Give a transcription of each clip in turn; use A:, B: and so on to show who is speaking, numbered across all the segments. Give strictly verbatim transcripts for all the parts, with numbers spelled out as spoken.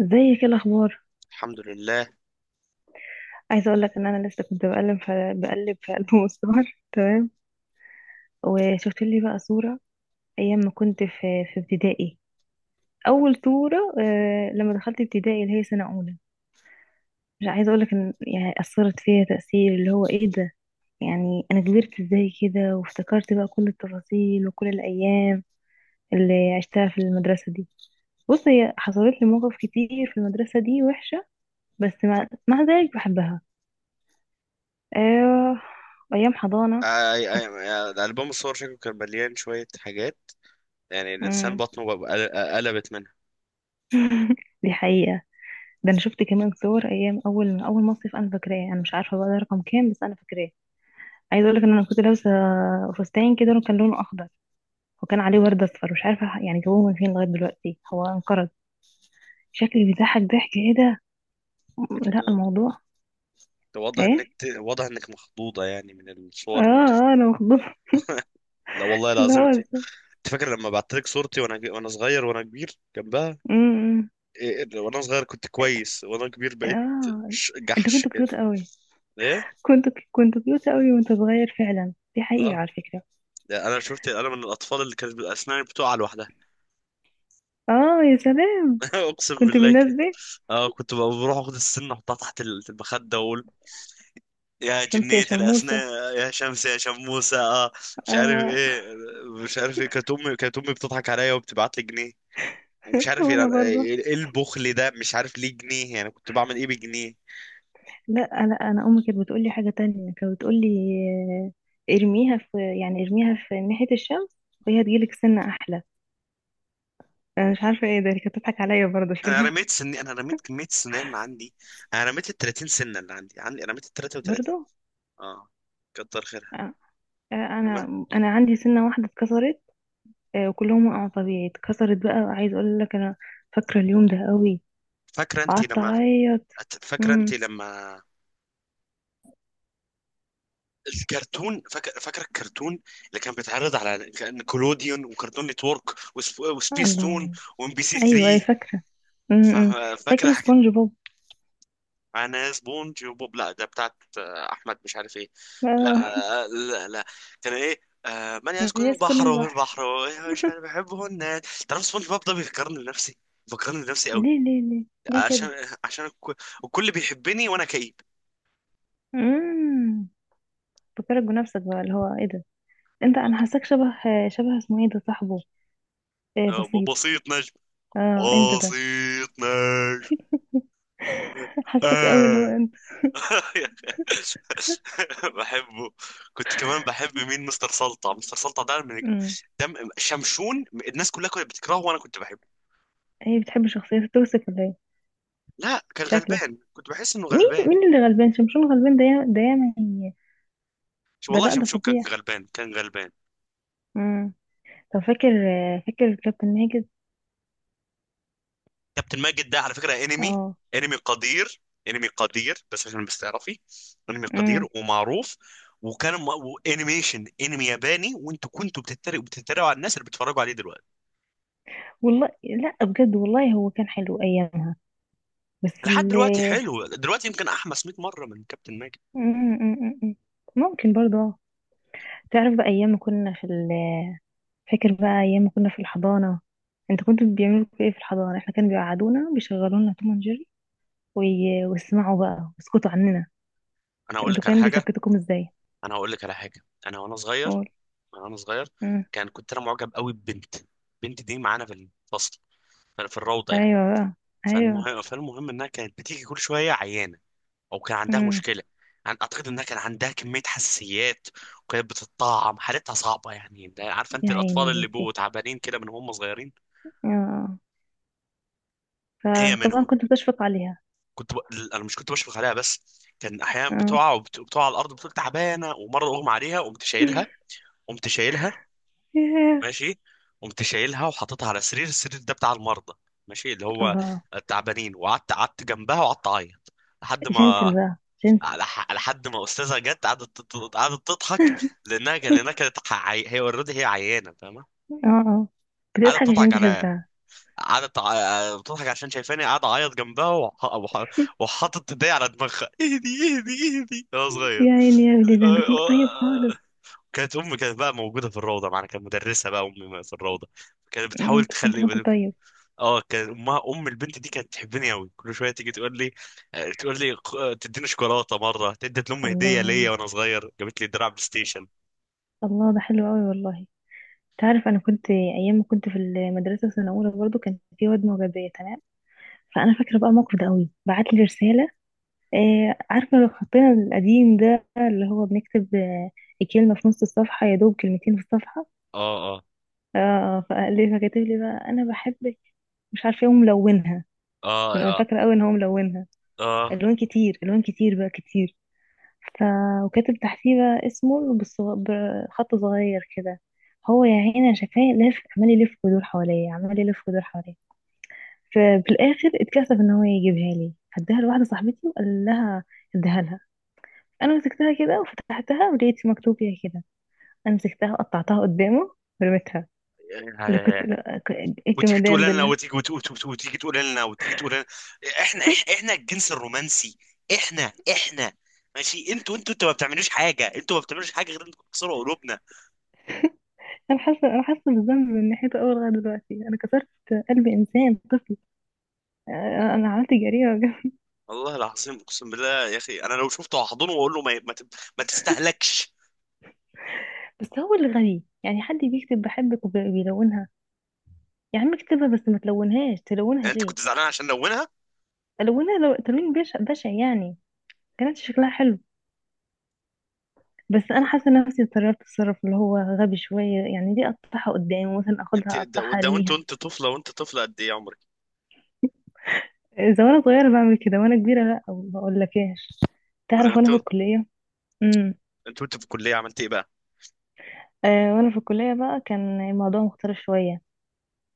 A: ازيك؟ ايه الاخبار؟
B: الحمد لله.
A: عايزه اقول لك ان انا لسه كنت بقلب في بقلب في البوم الصور تمام. وشفت لي بقى صوره ايام ما كنت في في ابتدائي. اول صوره، آه لما دخلت ابتدائي اللي هي سنه اولى. مش عايزه اقول لك ان يعني اثرت فيها تاثير اللي هو ايه ده. يعني انا كبرت ازاي كده، وافتكرت بقى كل التفاصيل وكل الايام اللي عشتها في المدرسه دي. بص، هي حصلت لي مواقف كتير في المدرسة دي وحشة، بس مع, مع ذلك بحبها. آه... أيام
B: آه،
A: حضانة.
B: آه، آه، آه، الألبوم الصور شكله كان مليان شوية حاجات. يعني الإنسان
A: امم.
B: بطنه بقى- آه، قلبت منها.
A: دي حقيقة. ده انا شفت كمان صور ايام اول اول مصيف، انا فاكراه. انا مش عارفة بقى ده رقم كام، بس انا فاكراه. عايزة اقول لك ان انا كنت لابسة فستان كده كان لونه اخضر، وكان عليه ورد اصفر. مش عارفة يعني جابوه من فين، لغاية دلوقتي هو انقرض. شكلي بيضحك ضحك، ايه ده؟ م- لا،
B: انت
A: الموضوع...
B: أنت واضح
A: ايه؟
B: انك ت- واضح انك مخضوضة يعني من
A: اه،
B: الصور اللي انت.
A: اه، انا مخضوضة.
B: لا والله
A: اللي
B: العظيم
A: هو
B: انت.
A: ازاي؟
B: أنت فاكر لما بعت لك صورتي وانا ج- وانا صغير وانا كبير جنبها؟
A: امم.
B: إيه، وانا صغير كنت كويس وانا كبير بقيت
A: اه،
B: ش-
A: انت
B: جحش
A: كنت
B: كده.
A: كيوت قوي.
B: ايه.
A: كنت كنت كيوت قوي وانت صغير، فعلا دي حقيقة
B: اه.
A: على فكرة.
B: ده انا شفت انا من الاطفال اللي كانت اسناني بتقع لوحدها.
A: اه، يا سلام.
B: اقسم
A: كنت من
B: بالله
A: الناس
B: كده.
A: دي.
B: اه، كنت بقى بروح اخد السن احطها تحت المخدة: يا
A: شمس يا
B: جنية
A: شموسة.
B: الأسنان، يا شمس، يا شموسة، اه مش عارف
A: آه.
B: ايه. مش عارف ايه، كانت امي كانت امي بتضحك عليا وبتبعت لي جنيه. ومش عارف ايه،
A: وانا
B: يعني
A: برضه.
B: ايه، إيه البخل ده؟ مش عارف ليه جنيه، يعني كنت بعمل ايه بجنيه؟
A: لا، لا، انا امي كانت بتقول لي حاجه تانية. كانت بتقول لي، آه، ارميها في يعني ارميها في ناحيه الشمس، وهي هتجيلك سنه احلى. انا مش عارفه ايه ده، هي كانت بتضحك عليا برضه
B: انا
A: شكلها.
B: رميت سني، انا رميت كمية سنان عندي. انا رميت ال ثلاثين سنة اللي عندي عندي رميت ال ثلاثة وثلاثين.
A: برضه.
B: اه، كتر خيرها.
A: آه. آه،
B: تمام.
A: انا انا عندي سنه واحده اتكسرت. آه، وكلهم وقعوا طبيعي، اتكسرت بقى. عايز اقول لك، انا فاكره اليوم ده قوي.
B: فاكرة انت
A: قعدت
B: لما
A: اعيط.
B: فاكرة انت
A: امم.
B: لما الكرتون، فاكر فاكر الكرتون اللي كان بيتعرض على، كان كولوديون وكرتون نتورك وسب... وسبيس تون
A: الله.
B: وام بي سي
A: ايوه، أيوة،
B: ثري؟
A: فاكره. امم.
B: فا- فاكر
A: فاكره
B: حاجه؟
A: سبونج بوب.
B: انا سبونج وبوب، لا ده بتاعت آه، احمد مش عارف ايه. لا،
A: آه.
B: آه، لا لا. كان ايه؟ آه، من
A: من
B: يسكن
A: يسكن
B: البحر وهو
A: البحر.
B: البحر. مش عارف، بحبه. الناس تعرف سبونج بوب ده بيفكرني بنفسي، بيفكرني بنفسي قوي.
A: ليه، ليه، ليه؟ ليه كده؟
B: عشان، عشان الك- الكل بيحبني وانا كئيب.
A: امم. فكرك بنفسك بقى، اللي هو ايه ده. انت انا حاساك شبه شبه، اسمه ايه، ده صاحبه؟ إيه،
B: آه،
A: بسيط.
B: بسيط نجم،
A: اه، انت ده.
B: بسيط نجم.
A: حاساك قوي اللي هو
B: آه
A: انت.
B: بحبه. كنت كمان بحب مين؟ مستر سلطع، مستر سلطع ده من
A: امم.
B: دم شمشون. الناس كلها كانت بتكرهه وانا كنت بحبه.
A: هي بتحب شخصيته توسك ولا ايه؟
B: لا كان
A: شكلك.
B: غلبان، كنت بحس انه غلبان.
A: مين، مين اللي غلبان؟ شمشون غلبان؟ ده يا- ده ياما هي-
B: شو
A: ده
B: والله،
A: لا، ده
B: شمشون كان
A: فظيع.
B: غلبان كان غلبان
A: امم. طب فاكر فاكر كابتن ماجد؟
B: كابتن ماجد ده على فكرة انمي،
A: اه.
B: انمي قدير. انمي قدير بس عشان بس تعرفي، انمي قدير
A: امم.
B: ومعروف. وكان م- وانيميشن انمي ياباني، وانتوا كنتوا بتتريقوا بتتريقوا على الناس اللي بيتفرجوا عليه دلوقتي.
A: والله لا، بجد والله هو كان حلو ايامها. بس
B: لحد
A: اللي...
B: دلوقتي حلو، دلوقتي يمكن احمس مئة مرة من كابتن ماجد.
A: مم، مم، مم، مم. ممكن برضه. آه. تعرف بقى ايام ما كنا في ال... فاكر بقى ايام ما كنا في الحضانه؟ انت كنت بيعملوا فيكوا ايه في الحضانه؟ احنا كانوا بيقعدونا، بيشغلونا توم اند جيري، وي- ويسمعوا بقى ويسكتوا عننا.
B: انا هقول
A: انتوا
B: لك على
A: كانوا
B: حاجه
A: بيسكتوكم ازاي؟
B: انا هقول لك على حاجه. انا وانا صغير
A: قول.
B: انا وانا صغير،
A: مم.
B: كان كنت انا معجب قوي ببنت. البنت دي معانا في الفصل، في في الروضه يعني.
A: ايوه بقى.
B: فالمهم
A: ايوه.
B: فالمهم انها كانت بتيجي كل شويه عيانه، او كان عندها
A: مم.
B: مشكله. عن- اعتقد انها كان عندها كميه حساسيات وكانت بتتطعم. حالتها صعبه يعني، انت عارفه انت
A: يا عيني
B: الاطفال
A: يا
B: اللي بيبقوا
A: بنتي.
B: تعبانين كده من هم صغيرين؟
A: اه.
B: هي
A: فطبعا
B: منهم.
A: كنت بتشفق عليها.
B: كنت ب... انا مش كنت بشفق عليها بس، كان احيانا
A: اه.
B: بتقع وبتقع على الارض بتقول تعبانه. ومره اغمى عليها قمت شايلها. قمت شايلها
A: ياه.
B: ماشي. قمت شايلها وحاططها على سرير، السرير ده بتاع المرضى، ماشي، اللي هو
A: الله.
B: التعبانين. وقعدت قعدت جنبها وقعدت اعيط لحد
A: جنتل
B: ما
A: بقى. جنتل.
B: على ح- لحد ما استاذه جت قعدت تت- قعدت تضحك، لانها كان- لانها كانت عي... هي اوريدي، هي عيانه فاهمه.
A: اه، اه،
B: قعدت
A: بتضحك عشان
B: تضحك
A: انت
B: على
A: شلتها.
B: قعدت ع- بتضحك عشان شايفاني قاعد اعيط جنبها، وح... وح... وحاطط ايديا على دماغها: اهدي، اهدي، اهدي، انا صغير.
A: يا عيني يا ابني، ده انت كنت طيب خالص.
B: كانت امي، كانت بقى موجوده في الروضه معانا، كانت مدرسه بقى امي في الروضه، كانت بتحاول
A: انت كنت كنت
B: تخلي.
A: طيب.
B: اه، كان امها، ام البنت دي، كانت تحبني قوي. كل شويه تيجي تقول لي، آه، تقول لي خ- آه، تديني شوكولاته. مره ادت لامي هديه
A: الله،
B: ليا وانا صغير، جابت لي دراع بلاي ستيشن.
A: الله، ده حلو قوي والله. تعرف، انا كنت ايام ما كنت في المدرسه السنه الاولى برضو، كان في واد معجبيه تمام. فانا فاكره بقى الموقف ده قوي، بعت لي رساله. آه، عارفه لو حطينا القديم ده، اللي هو بنكتب، آه الكلمه في نص الصفحه، يا دوب كلمتين في الصفحه.
B: اه. اه.
A: اه، فقال لي فكتب لي بقى، انا بحبك، مش عارفه ايه، وملونها.
B: اه.
A: انا
B: اه.
A: فاكره قوي ان هو ملونها
B: اه.
A: الوان كتير، الوان كتير بقى كتير. ف وكاتب تحتيه بقى اسمه بالصغ- بخط صغير كده. هو يا عيني أنا شايفاه لف، عمال يلف ويدور حواليا، عمال يلف ويدور حواليا. ففي الاخر اتكسف ان هو يجيبها لي، هداها لواحده صاحبتي وقال لها اديها لها. انا مسكتها كده وفتحتها ولقيت مكتوب فيها كده، انا مسكتها وقطعتها قدامه ورميتها.
B: يا-
A: اللي
B: يا-
A: كنت
B: يا.
A: لا- ك- ايه
B: وتيجي تقول
A: الجمدان ده
B: لنا،
A: اللي-
B: وتيجي وت- وت- وت- وتيجي تقول لنا وتيجي تقول لنا: احنا، إح- احنا الجنس الرومانسي. احنا احنا ماشي، انتوا انتوا انتوا ما بتعملوش حاجه، انتوا ما بتعملوش حاجه غير انكم تكسروا قلوبنا.
A: انا حاسه انا حاسه بالذنب من ناحيته اول لغايه دلوقتي، انا كسرت قلب انسان طفل. آه، انا عملت جريمه بجد.
B: والله العظيم اقسم بالله يا اخي، انا لو شفته هحضنه واقول له ما ما ت- ما تستهلكش.
A: بس هو اللي غبي، يعني حد بيكتب بحبك وبيلونها؟ يا عم اكتبها بس، ما تلونهاش، تلونها
B: يعني انت
A: ليه؟
B: كنت زعلان عشان لونها؟
A: الونها لو تلوين بشع، بشع يعني. كانت شكلها حلو، بس انا حاسه نفسي اتطرفت تصرف اللي هو غبي شويه، يعني دي اقطعها قدامي مثلا،
B: انت
A: اخدها
B: ده
A: اقطعها
B: ده وانت
A: ارميها؟
B: وانت طفله، وانت طفله قد ايه عمرك؟
A: اذا وانا صغيره بعمل كده، وانا كبيره لا، ما اقولكاش.
B: ولا
A: تعرف
B: انت؟
A: وانا في الكليه... امم.
B: انت وانت في الكليه عملت ايه بقى؟
A: آه، وانا في الكليه بقى كان الموضوع مختلف شويه.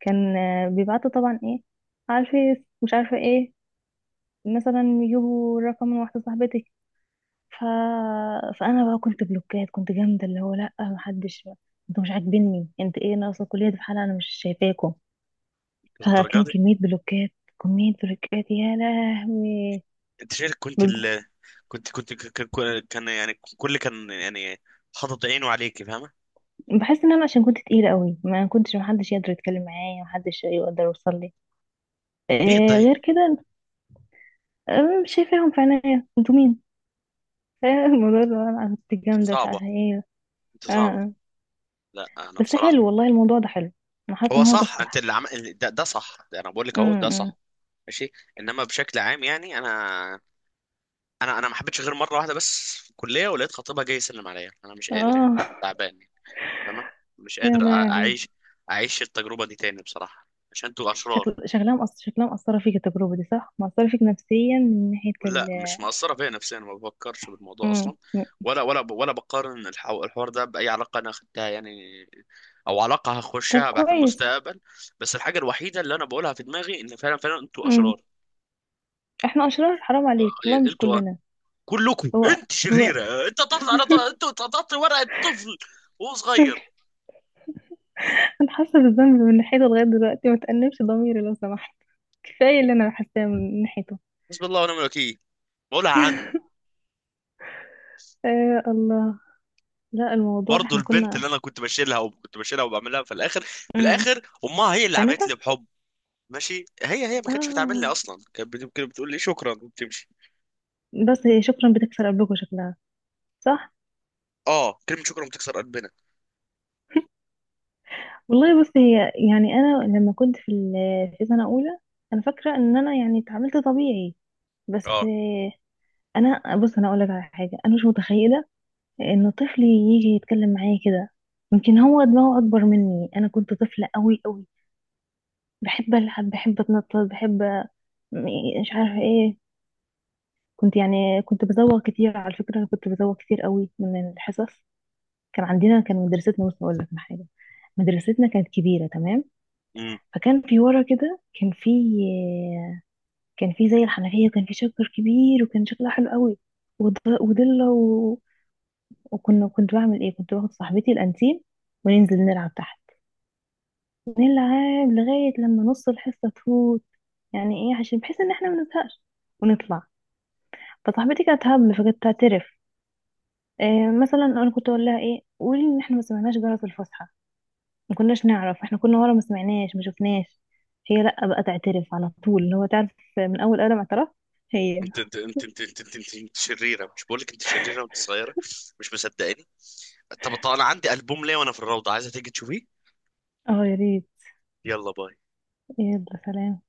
A: كان، آه بيبعتوا طبعا ايه على الفيس، مش عارفه ايه، مثلا يجيبوا رقم من واحده صاحبتي. ف... فانا بقى كنت بلوكات، كنت جامده اللي هو لا، محدش. انتوا مش عاجبيني، انت ايه ناقصه؟ الكليه دي في حالها، انا مش شايفاكم.
B: الدرجه
A: فكان
B: دي.
A: كمية بلوكات، كمية بلوكات يا لهوي.
B: انت شايف كنت
A: بب-
B: ال... كنت كنت ك- ك- كان يعني، كل كان يعني حاطط عينه عليك فاهمه.
A: بحس ان انا عشان كنت تقيلة قوي، ما كنتش محدش يقدر يتكلم معايا، محدش يقدر يوصل لي
B: ليه
A: آه
B: طيب؟
A: غير كده. آه، مش شايفاهم في عينيا، انتوا مين؟ آه، الموضوع اللي هو انا كنت جامدة، مش
B: صعبه،
A: عارفة ايه.
B: انت
A: آه،
B: صعبه.
A: آه.
B: لا انا
A: بس
B: بصراحه.
A: حلو والله الموضوع ده، حلو. انا حاسة
B: هو
A: ان هو ده
B: صح، انت
A: الصح.
B: اللي عم... ال- ده ده صح، ده انا بقول لك اهو ده
A: امم.
B: صح. ماشي، انما بشكل عام يعني انا، انا انا ما حبيتش غير مره واحده بس في الكليه، ولقيت خطيبها جاي يسلم عليا. انا مش قادر يعني،
A: اه.
B: تعبان. فاهمة، مش قادر
A: يا
B: أ-
A: لهوي.
B: أعيش، أعيش التجربة دي تاني بصراحة عشان انتوا أشرار.
A: شكل شكلها مأثر شكلها مأثرة فيك التجربة دي، صح؟ مأثرة فيك نفسيا من ناحية ال...
B: لا مش مأثرة فيا نفسيا، ما بفكرش بالموضوع
A: مم.
B: أصلا. ولا ولا ولا بقارن الحو- الحوار ده بأي علاقة أنا أخدتها يعني، أو علاقة
A: طب
B: هخشها بعد
A: كويس.
B: المستقبل. بس الحاجة الوحيدة اللي أنا بقولها في دماغي، إن فعلا فعلا انتوا أشرار.
A: احنا اشرار؟ حرام
B: آه،
A: عليك
B: إيه،
A: والله، مش
B: انتوا
A: كلنا.
B: كلكم.
A: هو
B: انت
A: هو
B: شريرة، آه، انت تطلع على ط- انتوا تقطعت ورقة طفل وهو صغير.
A: انا حاسه بالذنب من ناحيته لغايه دلوقتي، ما تأنبش ضميري لو سمحت. كفايه اللي انا حاساه من ناحيته.
B: بسم الله ونعم الوكيل، بقولها عن.
A: آه الله. لا، الموضوع
B: برضه
A: احنا
B: البنت
A: كنا...
B: اللي انا كنت بشيلها وكنت بشيلها وبعملها، في الاخر، في
A: امم.
B: الاخر امها هي اللي عملت لي
A: خانتك.
B: بحب. ماشي، هي هي ما كانتش بتعاملني
A: اه.
B: اصلا، كانت بت- كانت بتقول لي شكرا وبتمشي.
A: بس هي شكرا بتكسر قبلكوا شكلها. صح.
B: اه كلمه شكرا بتكسر قلبنا.
A: والله بص، هي يعني انا لما كنت في ال- في سنه اولى، انا فاكره ان انا يعني اتعاملت طبيعي، بس
B: اه.
A: آه. انا بص، انا اقول لك على حاجه، انا مش متخيله انه طفلي يجي يتكلم معايا كده. يمكن هو دماغه اكبر مني، انا كنت طفلة قوي قوي، بحب العب، بحب اتنطط، بحب... م- مش عارفة ايه. كنت يعني كنت بزوغ كتير على فكرة، انا كنت بزوغ كتير قوي من الحصص. كان عندنا كان مدرستنا، بص اقول لك على حاجة، مدرستنا كانت كبيرة تمام.
B: امم.
A: فكان في ورا كده، كان في كان في زي الحنفية، وكان في شجر كبير، وكان شكلها حلو قوي، وض- وضلة، و... وكنا، كنت بعمل ايه، كنت باخد صاحبتي الانتيم وننزل نلعب تحت، نلعب لغاية لما نص الحصة تفوت، يعني ايه عشان بحيث ان احنا ما نزهقش ونطلع. فصاحبتي كانت هبل، فكانت تعترف. إيه، مثلا انا كنت اقول لها، ايه قولي ان احنا ما سمعناش جرس الفسحة، ما كناش نعرف، احنا كنا ورا، ما سمعناش، ما شفناش. هي لا، بقى تعترف على طول، اللي هو تعرف، من اول قلم اعتراف. هي...
B: انت انت انت انت انت انت, انت, انت شريره، مش بقول لك انت شريره وانت صغيره؟ مش مصدقاني. طب طب انا عندي البوم ليه وانا في الروضه، عايزه تيجي تشوفيه؟
A: اه، يا ريت.
B: يلا باي.
A: يلا، سلام.